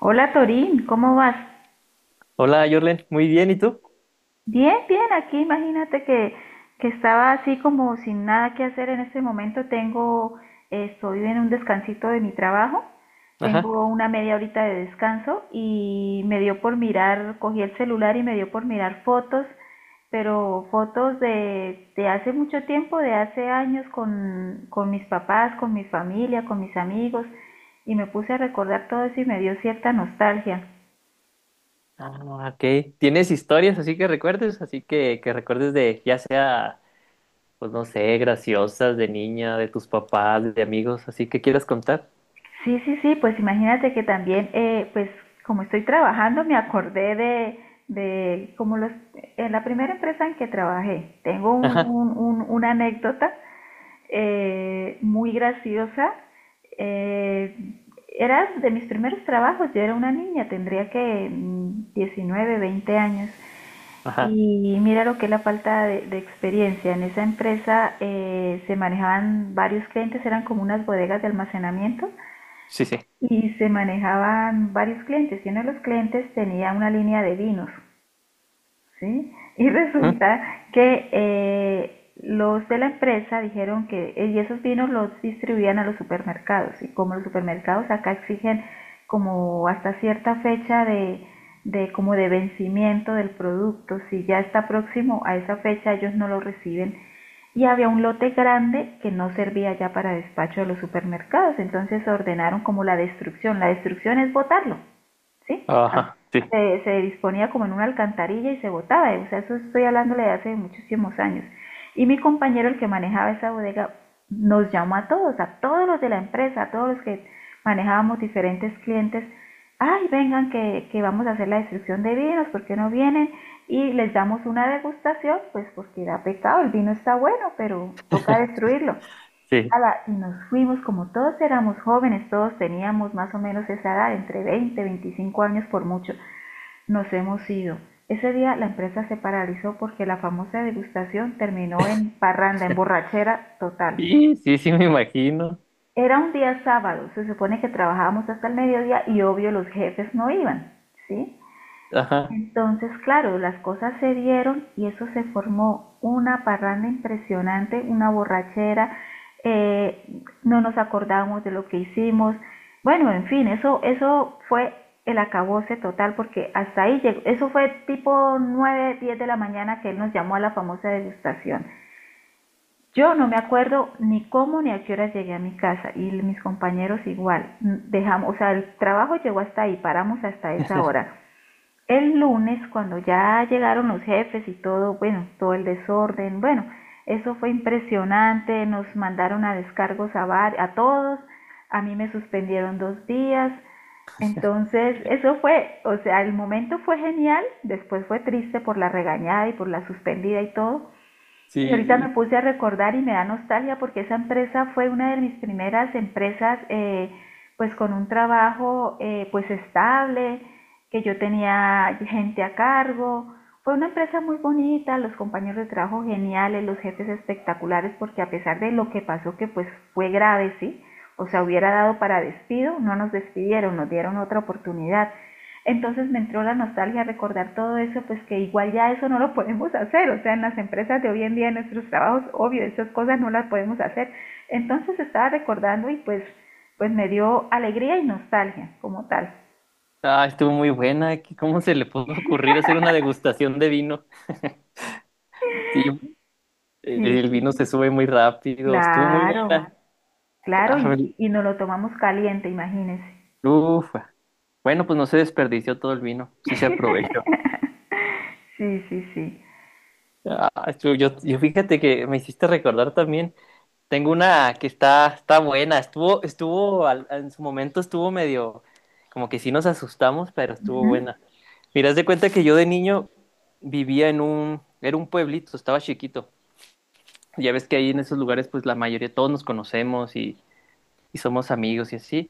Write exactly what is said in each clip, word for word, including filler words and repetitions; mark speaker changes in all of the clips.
Speaker 1: Hola Torín, ¿cómo vas?
Speaker 2: Hola, Jorlen. Muy bien, ¿y tú?
Speaker 1: Bien, bien, aquí imagínate que, que estaba así como sin nada que hacer en este momento. Tengo, eh, estoy en un descansito de mi trabajo,
Speaker 2: Ajá.
Speaker 1: tengo una media horita de descanso y me dio por mirar, cogí el celular y me dio por mirar fotos, pero fotos de, de hace mucho tiempo, de hace años con, con mis papás, con mi familia, con mis amigos y me puse a recordar todo eso y me dio cierta nostalgia.
Speaker 2: Ah, ok. ¿Tienes historias así que recuerdes? Así que, que recuerdes de, ya sea, pues no sé, graciosas, de niña, de tus papás, de amigos, así que quieras contar.
Speaker 1: Sí, sí, sí, pues imagínate que también, eh, pues como estoy trabajando, me acordé de, de como los, en la primera empresa en que trabajé, tengo un,
Speaker 2: Ajá,
Speaker 1: un- un- una anécdota eh, muy graciosa. Eh, Era de mis primeros trabajos, yo era una niña, tendría que mm, diecinueve, veinte años.
Speaker 2: ajá.
Speaker 1: Y mira lo que es la falta de, de experiencia. En esa empresa eh, se manejaban varios clientes, eran como unas bodegas de almacenamiento
Speaker 2: Sí, sí.
Speaker 1: y se manejaban varios clientes y uno de los clientes tenía una línea de vinos, ¿sí? Y
Speaker 2: ¿Mm?
Speaker 1: resulta que eh, los de la empresa dijeron que eh, y esos vinos los distribuían a los supermercados y como los supermercados acá exigen como hasta cierta fecha de, de como de vencimiento del producto, si ya está próximo a esa fecha ellos no lo reciben y había un lote grande que no servía ya para despacho de los supermercados, entonces ordenaron como la destrucción. La destrucción es botarlo. ¿Sí? Ah.
Speaker 2: Ajá, sí,
Speaker 1: Se, se disponía como en una alcantarilla y se botaba, o sea, eso estoy hablándole de hace muchísimos años. Y mi compañero, el que manejaba esa bodega, nos llamó a todos, a todos los de la empresa, a todos los que manejábamos diferentes clientes, ay, vengan que, que vamos a hacer la destrucción de vinos, ¿por qué no vienen? Y les damos una degustación, pues porque da pecado, el vino está bueno, pero toca destruirlo.
Speaker 2: sí.
Speaker 1: Ala, y nos fuimos, como todos éramos jóvenes, todos teníamos más o menos esa edad, entre veinte veinticinco años por mucho, nos hemos ido. Ese día la empresa se paralizó porque la famosa degustación terminó en parranda, en borrachera total.
Speaker 2: Sí, sí, sí, me imagino.
Speaker 1: Era un día sábado, se supone que trabajábamos hasta el mediodía y obvio los jefes no iban, ¿sí?
Speaker 2: Ajá,
Speaker 1: Entonces claro, las cosas se dieron y eso se formó una parranda impresionante, una borrachera, eh, no nos acordamos de lo que hicimos. Bueno, en fin, eso, eso fue el acabose total porque hasta ahí llegó. Eso fue tipo nueve, diez de la mañana que él nos llamó a la famosa degustación. Yo no me acuerdo ni cómo ni a qué hora llegué a mi casa y mis compañeros igual. Dejamos, o sea, el trabajo llegó hasta ahí, paramos hasta esa hora. El lunes, cuando ya llegaron los jefes y todo, bueno, todo el desorden, bueno, eso fue impresionante, nos mandaron a descargos a, var- a todos, a mí me suspendieron dos días, entonces eso fue, o sea, el momento fue genial, después fue triste por la regañada y por la suspendida y todo, y ahorita
Speaker 2: sí.
Speaker 1: me puse a recordar y me da nostalgia porque esa empresa fue una de mis primeras empresas, eh, pues con un trabajo eh, pues estable, que yo tenía gente a cargo. Fue una empresa muy bonita, los compañeros de trabajo geniales, los jefes espectaculares, porque a pesar de lo que pasó, que pues fue grave, ¿sí? O sea, hubiera dado para despido, no nos despidieron, nos dieron otra oportunidad. Entonces me entró la nostalgia a recordar todo eso, pues que igual ya eso no lo podemos hacer, o sea, en las empresas de hoy en día, en nuestros trabajos, obvio, esas cosas no las podemos hacer. Entonces estaba recordando y pues, pues me dio alegría y nostalgia como tal.
Speaker 2: Ah, estuvo muy buena. ¿Qué- ¿Cómo se le pudo ocurrir hacer una degustación de vino? Sí,
Speaker 1: Sí,
Speaker 2: el
Speaker 1: sí,
Speaker 2: vino se
Speaker 1: sí.
Speaker 2: sube muy rápido. Estuvo muy
Speaker 1: Claro,
Speaker 2: buena.
Speaker 1: claro,
Speaker 2: Ah,
Speaker 1: y, y nos lo tomamos caliente, imagínense.
Speaker 2: uf. Bueno, pues no se desperdició todo el vino, sí se aprovechó.
Speaker 1: Sí, sí, sí.
Speaker 2: Ah, yo, yo- yo fíjate que me hiciste recordar también. Tengo una que está, está buena. Estuvo, estuvo, al- en su momento estuvo medio, como que sí nos asustamos, pero estuvo
Speaker 1: Ujú,
Speaker 2: buena. Mira, haz de cuenta que yo de niño vivía en un, era un pueblito, estaba chiquito. Ya ves que ahí en esos lugares, pues la mayoría, todos nos conocemos y somos amigos y así.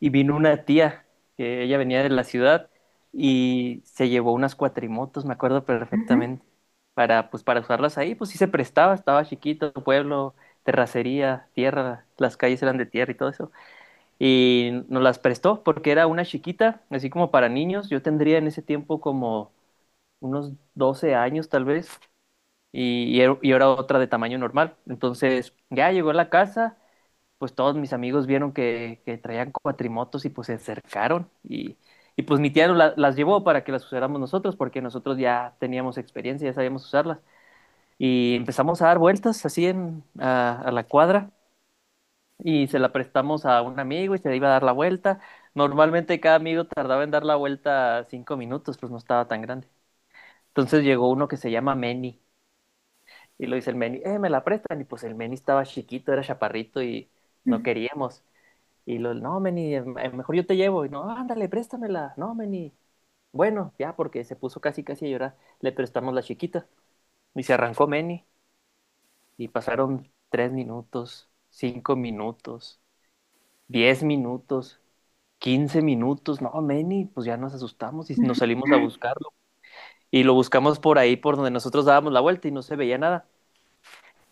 Speaker 2: Y vino una tía, que ella venía de la ciudad y se llevó unas cuatrimotos, me acuerdo
Speaker 1: ujú.
Speaker 2: perfectamente, para, pues, para usarlas ahí, pues sí se prestaba, estaba chiquito, pueblo, terracería, tierra, las calles eran de tierra y todo eso. Y nos las prestó porque era una chiquita, así como para niños, yo tendría en ese tiempo como unos doce años tal vez. Y, y era y era otra de tamaño normal. Entonces ya llegó a la casa, pues todos mis amigos vieron que, que traían cuatrimotos y pues se acercaron y, y pues mi tía no la- las llevó para que las usáramos nosotros porque nosotros ya teníamos experiencia, ya sabíamos usarlas y empezamos a dar vueltas así en, a, a la cuadra y se la prestamos a un amigo y se le iba a dar la vuelta. Normalmente cada amigo tardaba en dar la vuelta cinco minutos, pues no estaba tan grande. Entonces llegó uno que se llama Meni y lo dice el Meni, eh, me la prestan y pues el Meni estaba chiquito, era chaparrito y no queríamos. Y lo, no, Meni, eh, eh, mejor yo te llevo. Y no, ándale, préstamela. No, Meni. Bueno, ya, porque se puso casi, casi a llorar. Le prestamos la chiquita. Y se arrancó Meni. Y pasaron tres minutos, cinco minutos, diez minutos, quince minutos. No, Meni, pues ya nos asustamos y nos salimos a buscarlo. Y lo buscamos por ahí, por donde nosotros dábamos la vuelta y no se veía nada.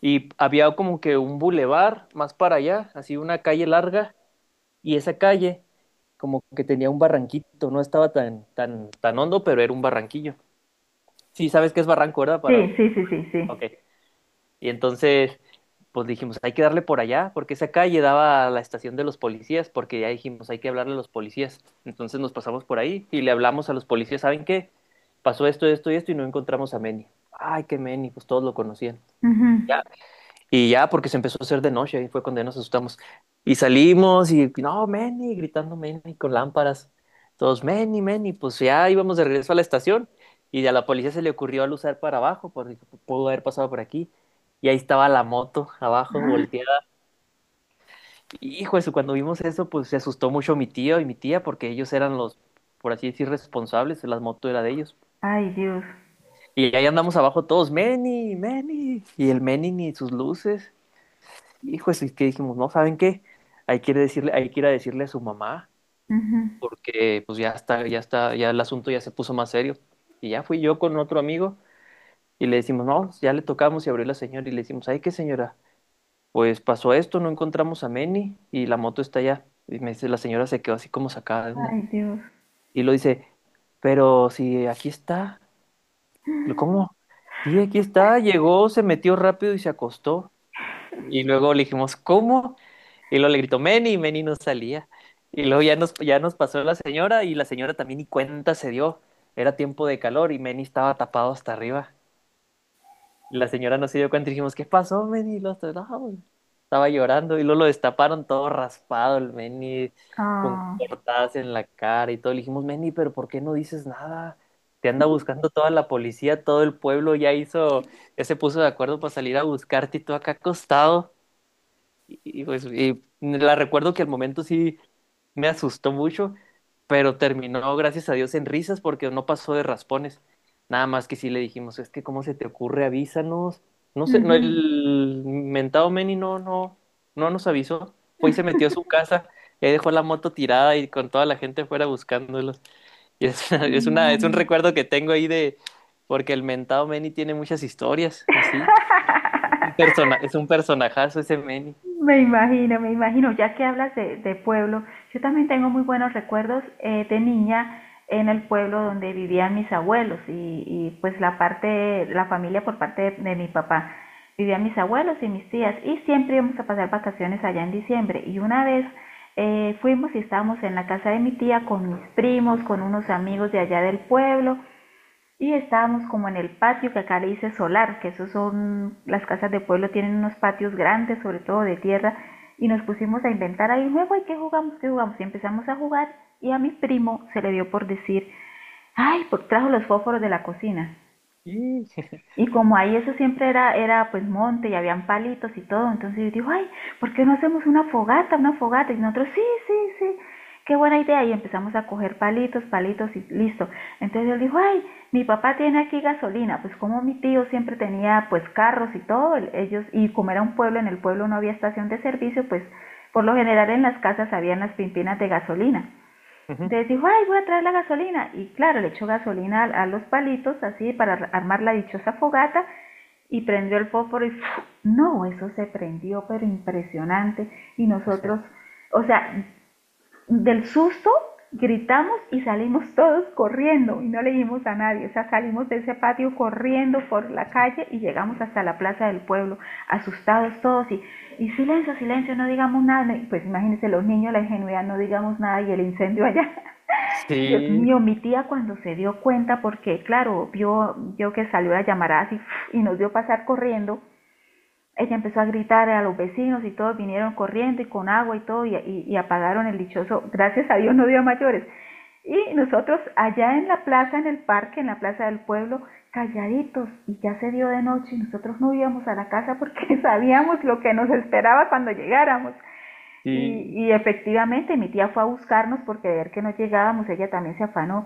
Speaker 2: Y había como que un bulevar más para allá, así una calle larga y esa calle como que tenía un barranquito, no estaba tan, tan, tan hondo, pero era un barranquillo. Sí, sabes que es barranco, ¿verdad?
Speaker 1: Sí,
Speaker 2: Para...
Speaker 1: sí, sí, sí,
Speaker 2: Ok.
Speaker 1: sí.
Speaker 2: Y entonces, pues dijimos, hay que darle por allá, porque esa calle daba a la estación de los policías, porque ya dijimos, hay que hablarle a los policías. Entonces nos pasamos por ahí y le hablamos a los policías, ¿saben qué? Pasó esto, esto y esto y no encontramos a Meni. Ay, qué Meni, pues todos lo conocían.
Speaker 1: Ujú.
Speaker 2: Ya y ya, porque se empezó a hacer de noche, ahí fue cuando ya nos asustamos. Y salimos y, no, Manny, gritando Manny con lámparas. Todos, Manny, Manny, pues ya íbamos de regreso a la estación. Y a la policía se le ocurrió al usar para abajo, porque pudo haber pasado por aquí. Y ahí estaba la moto abajo, volteada. Hijo de su, cuando vimos eso, pues se asustó mucho mi tío y mi tía, porque ellos eran los, por así decir, responsables, la moto era de ellos.
Speaker 1: Ay, Dios.
Speaker 2: Y ahí andamos abajo todos, Manny, Manny. Y el Manny ni sus luces. Hijo, es que dijimos, no, ¿saben qué? Hay que ir a decirle, hay que ir a decirle a su mamá,
Speaker 1: Ujú.
Speaker 2: porque pues ya está, ya está, ya el asunto ya se puso más serio. Y ya fui yo con otro amigo y le decimos, no, ya le tocamos y abrió la señora y le decimos, ay, ¿qué señora? Pues pasó esto, no encontramos a Manny y la moto está allá. Y me dice, la señora se quedó así como sacada de onda.
Speaker 1: Ay, Dios.
Speaker 2: Y lo dice, pero si aquí está. Lo, ¿cómo? Sí, aquí está, llegó, se metió rápido y se acostó. Y luego le dijimos, ¿cómo? Y luego le gritó Meni y Meni no salía. Y luego ya nos, ya nos pasó la señora y la señora también ni cuenta se dio. Era tiempo de calor y Meni estaba tapado hasta arriba. La señora no se dio cuenta y dijimos, ¿qué pasó, Meni? Y luego, hasta- "No, estaba llorando" y luego lo destaparon todo raspado el Meni con
Speaker 1: Ah.
Speaker 2: cortadas en la cara y todo. Le dijimos, Meni, pero ¿por qué no dices nada? Te anda buscando toda la policía, todo el pueblo ya hizo, ya se puso de acuerdo para salir a buscarte y tú acá acostado. Y, y, pues, y la recuerdo que al momento sí me asustó mucho, pero terminó, gracias a Dios, en risas porque no pasó de raspones. Nada más que sí le dijimos, es que cómo se te ocurre, avísanos. No sé, no,
Speaker 1: Ujú.
Speaker 2: el mentado Manny no, no, no nos avisó. Fue y se metió a su casa, y ahí dejó la moto tirada y con toda la gente fuera buscándolos. Y es es una- es un
Speaker 1: Mm.
Speaker 2: recuerdo que tengo ahí de, porque el mentado Manny tiene muchas historias, eh, ¿sí? Un persona, es un personajazo ese Manny.
Speaker 1: Me imagino, me imagino, ya que hablas de, de pueblo, yo también tengo muy buenos recuerdos eh, de niña en el pueblo donde vivían mis abuelos y, y, pues la parte, la familia por parte de, de mi papá. Vivían mis abuelos y mis tías y siempre íbamos a pasar vacaciones allá en diciembre y una vez eh, fuimos y estábamos en la casa de mi tía con mis primos, con unos amigos de allá del pueblo. Y estábamos como en el patio, que acá le dice solar, que esos son, las casas de pueblo tienen unos patios grandes, sobre todo de tierra, y nos pusimos a inventar ahí juego, ¿y qué jugamos? ¿Qué jugamos? Y empezamos a jugar, y a mi primo se le dio por decir, ay, por, trajo los fósforos de la cocina.
Speaker 2: Sí.
Speaker 1: Y como ahí eso siempre era, era pues monte y habían palitos y todo, entonces yo digo, ay, ¿por qué no hacemos una fogata, una fogata? Y nosotros, sí, sí, sí, qué buena idea. Y empezamos a coger palitos, palitos y listo. Entonces él dijo, ay, mi papá tiene aquí gasolina. Pues como mi tío siempre tenía pues carros y todo, ellos, y como era un pueblo, en el pueblo no había estación de servicio, pues por lo general en las casas habían las pimpinas de gasolina.
Speaker 2: Ujú.
Speaker 1: Entonces dijo, ay, voy a traer la gasolina. Y claro, le echó gasolina a, a los palitos, así, para armar la dichosa fogata, y prendió el fósforo y ¡fu! No, eso se prendió, pero impresionante. Y nosotros, o sea, del susto gritamos y salimos todos corriendo y no le dijimos a nadie, o sea, salimos de ese patio corriendo por la calle y llegamos hasta la plaza del pueblo, asustados todos y, y silencio, silencio, no digamos nada, pues imagínense los niños, la ingenuidad, no digamos nada y el incendio allá. Dios
Speaker 2: Sí,
Speaker 1: mío, mi tía cuando se dio cuenta, porque claro, vio, vio que salió la llamarada así y nos vio pasar corriendo, ella empezó a gritar a los vecinos y todos vinieron corriendo y con agua y todo y, y, y apagaron el dichoso, gracias a Dios no dio mayores. Y nosotros allá en la plaza, en el parque, en la plaza del pueblo, calladitos y ya se dio de noche y nosotros no íbamos a la casa porque sabíamos lo que nos esperaba cuando llegáramos. Y,
Speaker 2: sí,
Speaker 1: y efectivamente mi tía fue a buscarnos porque de ver que no llegábamos ella también se afanó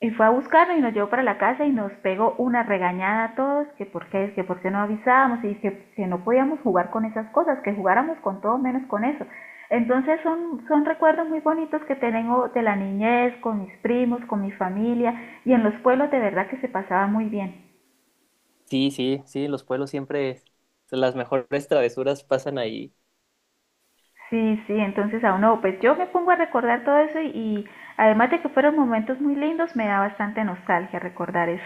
Speaker 1: y fue a buscarnos y nos llevó para la casa y nos pegó una regañada a todos, que por qué, que por qué no avisábamos y que, que no podíamos jugar con esas cosas, que jugáramos con todo menos con eso. Entonces son, son, recuerdos muy bonitos que tengo de la niñez, con mis primos, con mi familia y en los pueblos de verdad que se pasaba muy bien.
Speaker 2: sí, sí, sí, los pueblos siempre, es- las mejores travesuras pasan ahí.
Speaker 1: Sí, sí, entonces a uno, pues yo me pongo a recordar todo eso y, y además de que fueron momentos muy lindos, me da bastante nostalgia recordar eso.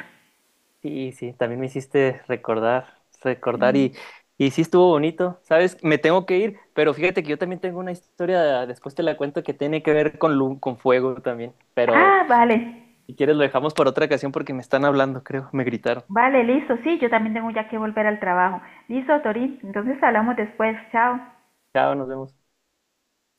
Speaker 2: Sí, sí, también me hiciste recordar, recordar y,
Speaker 1: Mm.
Speaker 2: y sí estuvo bonito, ¿sabes? Me tengo que ir, pero fíjate que yo también tengo una historia, después te la cuento, que tiene que ver con lu- con fuego también, pero
Speaker 1: Ah, vale.
Speaker 2: si quieres lo dejamos para otra ocasión porque me están hablando, creo, me gritaron.
Speaker 1: Vale, listo. Sí, yo también tengo ya que volver al trabajo. Listo, Torín. Entonces hablamos después. Chao.
Speaker 2: Chao, nos vemos.